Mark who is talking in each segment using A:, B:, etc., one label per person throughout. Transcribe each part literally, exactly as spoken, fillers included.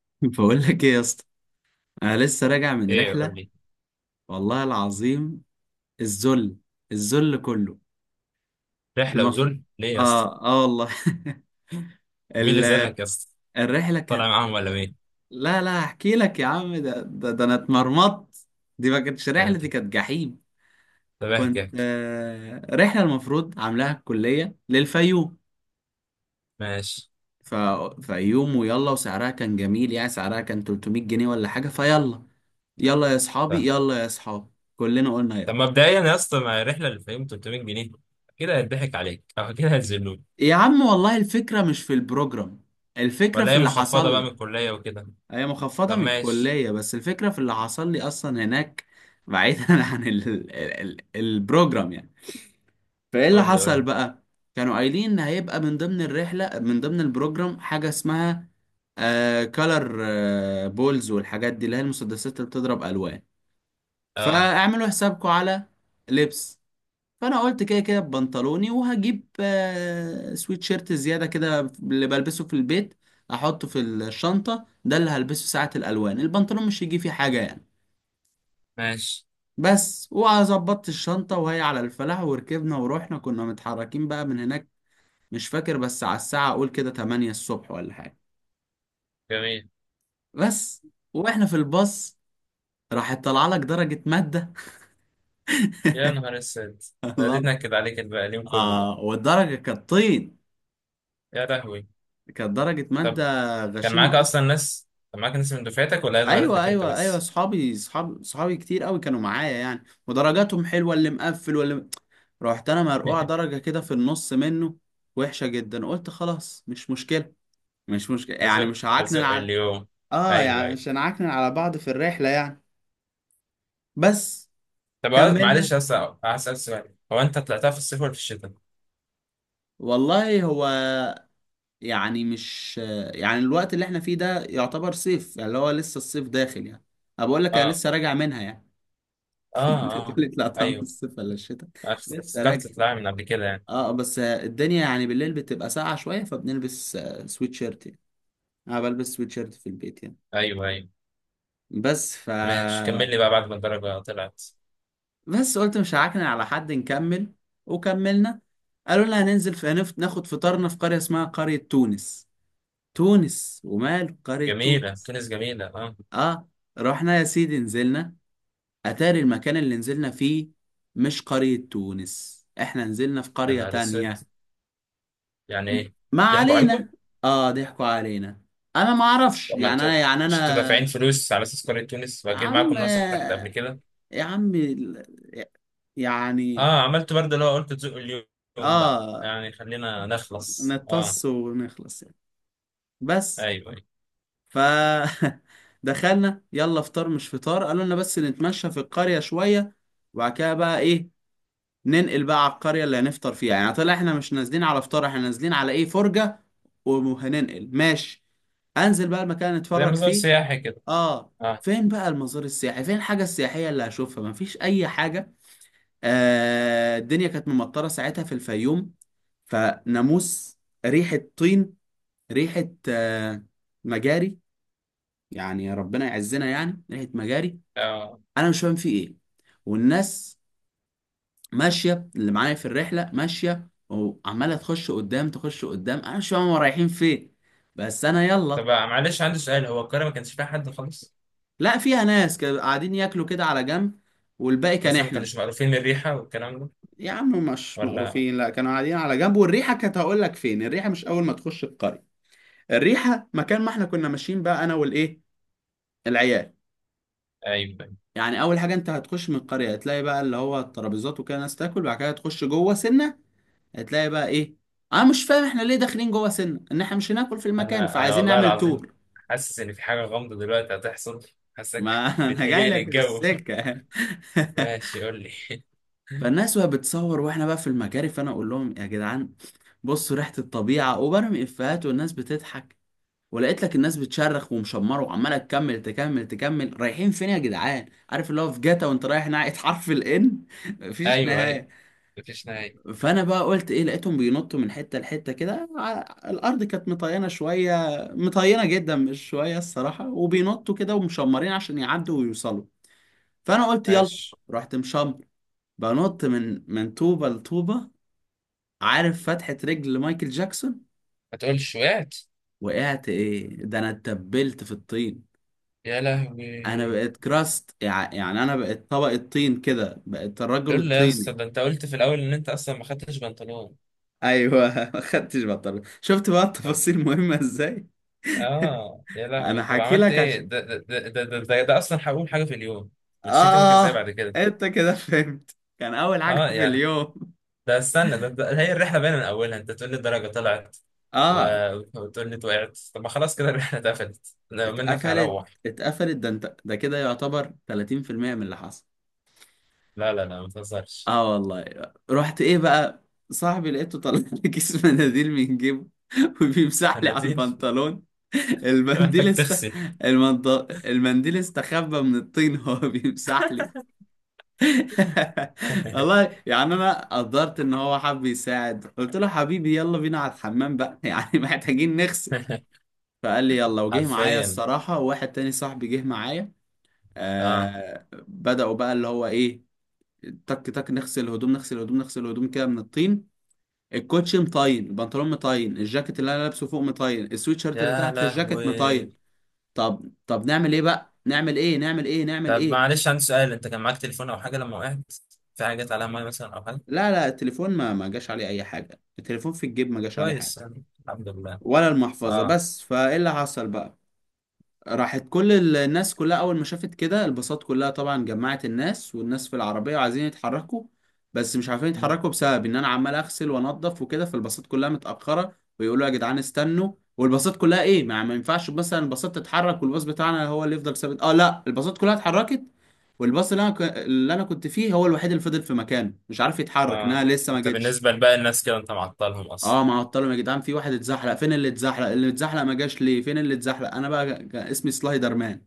A: بقول لك ايه يا اسطى. انا لسه راجع من
B: ايه؟ قول
A: رحله.
B: لي.
A: والله العظيم الذل الذل كله.
B: رحله
A: المف...
B: وذل ليه يا اسطى؟
A: اه اه والله.
B: مين اللي
A: ال...
B: زلك يا اسطى؟
A: الرحله
B: طالع
A: كانت،
B: معاهم ولا مين؟
A: لا لا هحكي لك يا عم، ده ده, ده انا اتمرمطت. دي ما كانتش
B: آه،
A: رحله، دي
B: طب
A: كانت جحيم.
B: طب احكي
A: كنت
B: احكي.
A: آه... رحله المفروض عاملاها الكليه للفيوم.
B: ماشي.
A: ف... فيوم ويلا، وسعرها كان جميل، يعني سعرها كان ثلاث مية جنيه ولا حاجه، فيلا يلا يا اصحابي،
B: طب
A: يلا يا اصحابي. كلنا قلنا
B: طب,
A: يلا.
B: مبدئيا يا اسطى, مع الرحله اللي فيهم تلتمية جنيه كده هيضحك عليك او كده هيذلوك.
A: يا عم والله الفكرة مش في البروجرام، الفكرة
B: ولا
A: في
B: هي
A: اللي
B: محفظه
A: حصل
B: بقى من
A: لي.
B: الكليه وكده؟
A: هي مخفضة
B: طب
A: من
B: ماشي.
A: الكلية، بس الفكرة في اللي حصل لي أصلا هناك. بعيدا عن ال ال ال البروجرام يعني. فإيه اللي
B: قول لي قول
A: حصل
B: لي.
A: بقى؟ كانوا قايلين إن هيبقى من ضمن الرحلة، من ضمن البروجرام، حاجة اسمها آه كالر آه بولز، والحاجات دي اللي هي المسدسات اللي بتضرب ألوان،
B: اه.
A: فاعملوا حسابكم على لبس. فانا قلت كده كده ببنطلوني، وهجيب آه، سويت شيرت زياده كده اللي بلبسه في البيت، احطه في الشنطه، ده اللي هلبسه ساعه الالوان، البنطلون مش هيجي فيه حاجه يعني.
B: ماشي.
A: بس وظبطت الشنطه وهي على الفلاح، وركبنا ورحنا، كنا متحركين بقى من هناك مش فاكر، بس على الساعه اقول كده تمانية الصبح ولا حاجه.
B: جميل.
A: بس واحنا في الباص راحت طالعه لك درجه ماده.
B: يا نهار اسود.
A: الله.
B: بديت نكد عليك بقى اليوم كله بقى.
A: اه والدرجه كانت طين.
B: يا لهوي.
A: كانت درجه ماده
B: طب كان معاك
A: غشيمه.
B: اصلا ناس كان معاك ناس من دفعتك ولا هي ظهرت
A: ايوه
B: لك انت
A: ايوه ايوه،
B: بس؟
A: صحابي، صحاب صحابي كتير قوي كانوا معايا يعني، ودرجاتهم حلوه، اللي مقفل واللي م- رحت انا مرقوع درجه كده في النص منه، وحشه جدا. قلت خلاص مش مشكله، مش مشكله يعني،
B: ازق
A: مش هعكنن
B: ازق
A: على،
B: اليوم.
A: اه
B: ايوه
A: يعني
B: ايوه.
A: مش هنعكنن على بعض في الرحله يعني. بس
B: طب هو-
A: كملنا.
B: معلش بس. هسأل سؤال, هو انت طلعتها في الصيف ولا في الشتاء؟
A: والله هو يعني مش، يعني الوقت اللي احنا فيه ده يعتبر صيف يعني، اللي هو لسه الصيف داخل يعني. أنا بقول لك انا
B: اه
A: لسه راجع منها يعني.
B: اه اه.
A: تقول لي لا طعم
B: ايوه.
A: الصيف ولا الشتاء.
B: أنا
A: لسه راجع.
B: افتكرت تطلعها من قبل كده يعني.
A: اه بس الدنيا يعني بالليل بتبقى ساقعة شوية، فبنلبس آه، سويت شيرت يعني. انا بلبس سويت شيرت في البيت يعني.
B: ايوه ايوه.
A: بس ف
B: ماشي, كمل لي بقى بعد ما الدرجة طلعت.
A: بس قلت مش هعكن على حد، نكمل. وكملنا. قالوا لنا هننزل في هنفت، ناخد فطارنا في قرية اسمها قرية تونس. تونس ومال قرية
B: جميلة
A: تونس؟
B: تونس, جميلة, اه.
A: اه. رحنا يا سيدي، نزلنا. اتاري المكان اللي نزلنا فيه مش قرية تونس، احنا نزلنا في
B: يا
A: قرية
B: نهار اسود,
A: تانية.
B: يعني ايه؟
A: ما
B: ضحكوا عليكم؟
A: علينا. اه ضحكوا علينا. انا ما اعرفش
B: طب ما
A: يعني،
B: انتوا,
A: انا يعني انا،
B: مش انتوا دافعين فلوس على اساس قرية تونس,
A: يا
B: واكيد
A: عم،
B: معاكم ناس راحت قبل كده.
A: يا عم ال- يعني،
B: اه, عملت برضه اللي هو قلت تزقوا اليوم بقى
A: اه،
B: يعني خلينا نخلص اه.
A: نتص ونخلص يعني. بس
B: ايوه ايوه.
A: ف دخلنا، يلا فطار مش فطار، قالوا لنا بس نتمشى في القرية شوية، وبعد كده بقى ايه، ننقل بقى على القرية اللي هنفطر فيها، يعني طلع احنا مش نازلين على فطار، احنا نازلين على ايه، فرجة. وهننقل ماشي، انزل بقى المكان اللي
B: زي
A: نتفرج
B: مزار
A: فيه.
B: سياحي كده؟
A: اه.
B: اه.
A: فين بقى المزار السياحي؟ فين الحاجة السياحية اللي هشوفها؟ مفيش أي حاجة. آه الدنيا كانت ممطرة ساعتها في الفيوم، فناموس، ريحة طين، ريحة آه مجاري، يعني ربنا يعزنا يعني ريحة مجاري.
B: آه.
A: أنا مش فاهم في إيه. والناس ماشية، اللي معايا في الرحلة ماشية وعمالة تخش قدام تخش قدام، أنا مش فاهم هما رايحين فين، بس أنا
B: طب
A: يلا.
B: معلش عندي سؤال, هو القاهرة ما كانش فيها حد خالص؟
A: لا فيها ناس كانوا قاعدين ياكلوا كده على جنب، والباقي كان
B: مثلا ما
A: إحنا.
B: كانوش مقرفين من الريحة والكلام ده
A: يا عم مش
B: ولا؟
A: مقروفين، لا كانوا قاعدين على جنب، والريحه كانت هقول لك فين الريحه، مش اول ما تخش القريه، الريحه مكان ما احنا كنا ماشيين بقى انا والايه، العيال.
B: أيوة.
A: يعني اول حاجه انت هتخش من القريه هتلاقي بقى اللي هو الترابيزات وكده ناس تاكل، بعد كده هتخش جوه سنه هتلاقي بقى ايه، انا مش فاهم احنا ليه داخلين جوه سنه، ان احنا مش هناكل في المكان،
B: أنا أنا
A: فعايزين
B: والله
A: نعمل
B: العظيم
A: تور.
B: حاسس إن في حاجة غامضة دلوقتي هتحصل. حاسك
A: ما انا جاي
B: بتهيأ لي
A: لك في
B: الجو.
A: السكه.
B: ماشي, قول لي.
A: فالناس وهي بتصور واحنا بقى في المجاري، فانا اقول لهم يا جدعان بصوا ريحه الطبيعه، وبرمي افيهات والناس بتضحك. ولقيت لك الناس بتشرخ ومشمره وعماله تكمل تكمل تكمل. رايحين فين يا جدعان؟ عارف اللي هو في جاتا وانت رايح ناحيه حرف الان، مفيش
B: أيوة أيوة.
A: نهايه.
B: مفيش نهاية.
A: فانا بقى قلت ايه، لقيتهم بينطوا من حته لحته كده، ع- الارض كانت مطينه شويه، مطينه جدا مش شويه الصراحه، وبينطوا كده ومشمرين عشان يعدوا ويوصلوا، فانا قلت يلا.
B: ماشي.
A: رحت مشمر، بنط من من طوبه لطوبه، عارف فتحه رجل مايكل جاكسون.
B: ما تقولش وقعت.
A: وقعت ايه، ده انا اتبلت في الطين.
B: يا
A: انا
B: لهوي.
A: بقيت كراست يع- يعني انا بقيت طبق الطين كده، بقيت الرجل
B: لولا يا اسطى,
A: الطيني.
B: ده أنت قلت في الأول إن أنت أصلا ما خدتش بنطلون.
A: ايوه ما خدتش بطل، شفت بقى
B: طب
A: التفاصيل مهمة ازاي.
B: آه يا لهوي,
A: انا
B: طب
A: حكي
B: عملت
A: لك
B: إيه؟
A: عشان،
B: ده ده ده ده, ده, ده, ده أصلا هقول حاجة في اليوم. مشيت يومك إزاي
A: اه،
B: بعد كده؟
A: انت كده فهمت كان اول حاجة
B: اه
A: في
B: يا.
A: اليوم.
B: ده, استنى, ده, ده هي الرحله باينه من اولها. انت تقول لي الدرجه طلعت
A: اه.
B: و- وتقول لي وقعت. طب ما خلاص كده الرحله اتقفلت. لو منك
A: اتقفلت
B: هروح.
A: اتقفلت، ده انت ده كده يعتبر ثلاثين في المية من اللي حصل.
B: لا لا لا, ما تهزرش.
A: اه والله. رحت ايه بقى، صاحبي لقيته طلع لي كيس مناديل من جيبه وبيمسح لي على
B: مناديل؟
A: البنطلون.
B: انت
A: المنديل
B: محتاج
A: است
B: تغسل.
A: المنط... المنديل استخبى من الطين، هو بيمسح لي. والله يعني انا قدرت ان هو حب يساعد، قلت له حبيبي يلا بينا على الحمام بقى يعني محتاجين نغسل. فقال لي يلا، وجه معايا
B: حرفيا.
A: الصراحة، وواحد تاني صاحبي جه معايا.
B: اه
A: آه بدأوا بقى اللي هو ايه، تك تك، نغسل الهدوم نغسل الهدوم نغسل الهدوم كده من الطين. الكوتشي مطين، البنطلون مطين، الجاكيت اللي انا لابسه فوق مطين، السويت شيرت اللي
B: يا
A: تحت الجاكيت
B: لهوي.
A: مطين. طب طب نعمل ايه بقى، نعمل ايه، نعمل ايه، نعمل
B: طب
A: ايه؟
B: معلش عندي سؤال, انت كان معاك تليفون او حاجه لما وقعت؟ في حاجه جت عليها ميه مثلا او حاجه؟
A: لا لا التليفون ما ما جاش عليه اي حاجه، التليفون في الجيب ما جاش عليه حاجه.
B: كويس يعني, الحمد لله.
A: ولا المحفظه.
B: اه
A: بس فايه اللي حصل بقى، راحت كل ال- الناس كلها اول ما شافت كده، الباصات كلها طبعا جمعت الناس، والناس في العربيه وعايزين يتحركوا، بس مش عارفين يتحركوا بسبب ان انا عمال اغسل وانضف وكده، فالباصات كلها متاخره ويقولوا يا جدعان استنوا. والباصات كلها ايه، ما, ما ينفعش مثلا الباصات تتحرك والباص بتاعنا هو اللي يفضل ثابت، اه لا الباصات كلها اتحركت، والباص اللي انا ك... اللي انا كنت فيه هو الوحيد اللي فضل في مكانه مش عارف يتحرك،
B: اه.
A: انها لسه ما
B: انت
A: جتش.
B: بالنسبه لباقي الناس كده انت معطلهم اصلا.
A: اه معطلهم يا جدعان. في واحد اتزحلق، فين اللي اتزحلق؟ اللي اتزحلق ما جاش ليه، فين اللي اتزحلق، انا بقى ج- ج- اسمي سلايدر مان.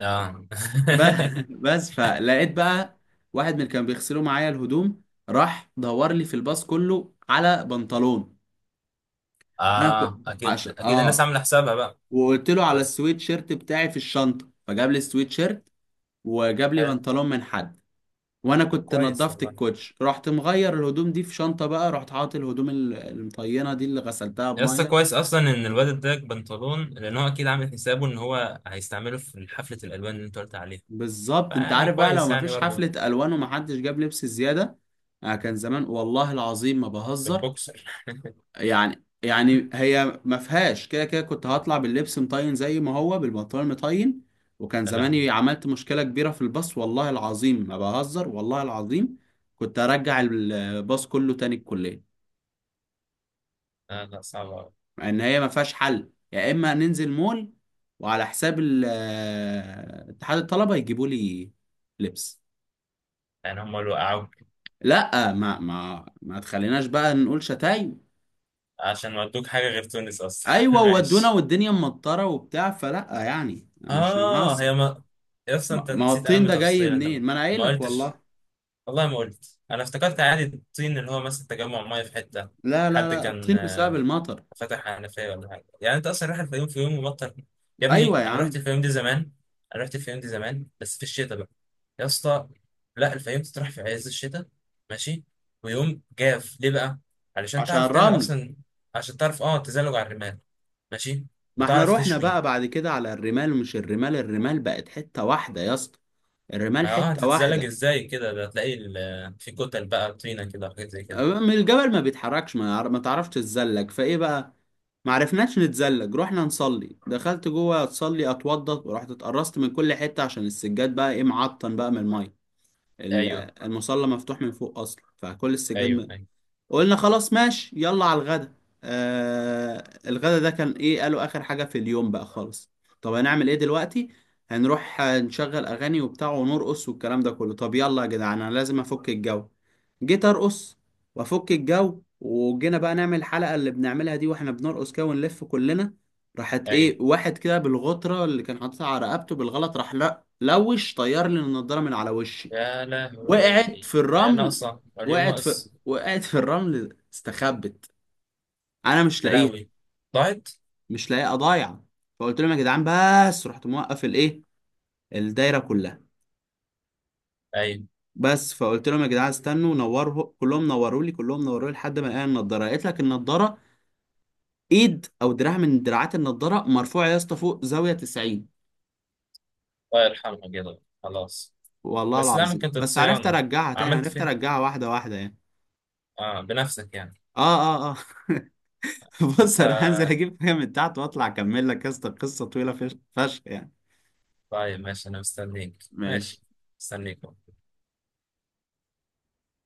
B: اه.
A: ب- بس فلقيت بقى واحد من اللي كان بيغسلوا معايا الهدوم راح دور لي في الباص كله على بنطلون. انا كنت
B: اه,
A: عش...
B: اكيد اكيد الناس
A: اه،
B: عامله حسابها بقى.
A: وقلت له على
B: بس.
A: السويت شيرت بتاعي في الشنطه، فجاب لي السويت شيرت وجاب لي
B: حلو.
A: بنطلون من حد. وانا
B: طب
A: كنت
B: كويس
A: نضفت
B: والله.
A: الكوتش، رحت مغير الهدوم دي في شنطه بقى، رحت حاطط الهدوم ال- المطينه دي اللي غسلتها
B: يا اسطى
A: بميه.
B: كويس اصلا ان الواد اداك بنطلون, لان هو اكيد عامل حسابه ان هو هيستعمله في حفله الالوان اللي انت قلت عليها.
A: بالظبط. انت
B: فيعني
A: عارف بقى لو
B: كويس
A: ما
B: يعني
A: فيش
B: برضه.
A: حفله الوان ومحدش جاب لبس زياده، آه كان زمان والله العظيم ما بهزر
B: البوكسر.
A: يعني، يعني هي ما فيهاش كده كده كنت هطلع باللبس مطين زي ما هو، بالبنطلون مطين. وكان
B: لا
A: زماني عملت مشكلة كبيرة في الباص، والله العظيم ما بهزر، والله العظيم كنت ارجع الباص كله تاني الكلية.
B: لا لا, صعب أوي.
A: مع ان هي ما فيهاش حل، يا اما ننزل مول وعلى حساب ال- آه، اتحاد الطلبة يجيبوا لي لبس.
B: يعني هم اللي وقعوك؟
A: لا ما ما ما تخليناش بقى نقول شتايم.
B: عشان ودوك حاجه غير تونس اصلا.
A: ايوه ودونا
B: ماشي.
A: والدنيا مطرة وبتاع فلا، يعني مش
B: اه,
A: هنهزر.
B: هي ما. يا اسطى
A: ما
B: انت
A: ما هو
B: نسيت
A: الطين
B: اهم
A: ده جاي
B: تفصيل انت.
A: منين، ما انا قايل
B: ما
A: لك
B: قلتش.
A: والله.
B: والله ما قلت. انا افتكرت عادي, الطين اللي هو مثلا تجمع ميه في حته.
A: لا لا
B: حد
A: لا
B: كان
A: الطين بسبب المطر.
B: فتح حنفية ولا حاجة يعني؟ انت اصلا رايح الفيوم في يوم مبطل. يا
A: ايوه
B: ابني
A: يا
B: انا رحت
A: عم.
B: الفيوم دي زمان. انا رحت الفيوم دي زمان بس في الشتاء بقى. يا اسطى, لا, الفيوم تروح في عز الشتاء. ماشي. ويوم جاف ليه بقى؟ علشان
A: عشان
B: تعرف تعمل
A: الرمل.
B: اصلا. عشان تعرف اه تزلج على الرمال. ماشي.
A: ما احنا
B: وتعرف
A: رحنا
B: تشوي.
A: بقى بعد كده على الرمال، مش الرمال، الرمال بقت حتة واحدة يا اسطى. الرمال
B: ما اه,
A: حتة
B: هتتزلج
A: واحدة
B: ازاي كده؟ ده هتلاقي ال- في كتل بقى, طينة كده وحاجات زي كده.
A: من الجبل ما بيتحركش، ما, يعر- ما تعرفش تتزلج، فايه بقى. ما عرفناش نتزلج. رحنا نصلي، دخلت جوه اتصلي اتوضى، ورحت اتقرصت من كل حتة عشان السجاد بقى ايه، معطن بقى من المية. ال-
B: ايوه
A: المصلى مفتوح من فوق اصلا، فكل
B: ايوه
A: السجاد.
B: ايوه
A: قلنا خلاص ماشي يلا على الغدا. آه الغدا ده كان ايه، قالوا اخر حاجة في اليوم بقى خالص. طب هنعمل ايه دلوقتي، هنروح آه، نشغل اغاني وبتاع ونرقص والكلام ده كله. طب يلا يا جدعان انا لازم افك الجو. جيت ارقص وافك الجو، وجينا بقى نعمل الحلقة اللي بنعملها دي واحنا بنرقص كده ونلف كلنا، راحت
B: ايوه.
A: ايه واحد كده بالغطرة اللي كان حاططها على رقبته بالغلط، راح لا لوش، طير لي النضارة من على وشي.
B: يا
A: وقعت
B: لهوي.
A: في
B: هي
A: الرمل.
B: ناقصة اليوم
A: وقعت في
B: ناقص.
A: وقعت في الرمل، استخبت، انا مش
B: يا
A: لاقيها.
B: لهوي. ضاعت.
A: مش لاقيها، ضايعه. فقلت لهم يا جدعان، بس رحت موقف الايه، الدايره كلها،
B: اي.
A: بس فقلت لهم يا جدعان استنوا نوروا كلهم، نوروا لي كلهم نوروا لي لحد ما الاقي النضاره. لقيت لك النضاره، ايد او دراع من دراعات النضاره مرفوعه يا اسطى فوق، زاويه تسعين.
B: الله يرحمها كده, خلاص.
A: والله
B: بس لا,
A: العظيم،
B: ممكن
A: بس عرفت
B: تتصيانة.
A: ارجعها تاني،
B: عملت
A: عرفت
B: فين؟
A: ارجعها واحده واحده يعني.
B: اه, بنفسك يعني.
A: اه اه اه. بص
B: انت.
A: انا هنزل اجيب حاجه من تحت واطلع اكمل لك، يا اسطى قصه طويله فش- فشخ يعني.
B: طيب ماشي, انا مستنيك. ماشي.
A: ماشي.
B: مستنيك.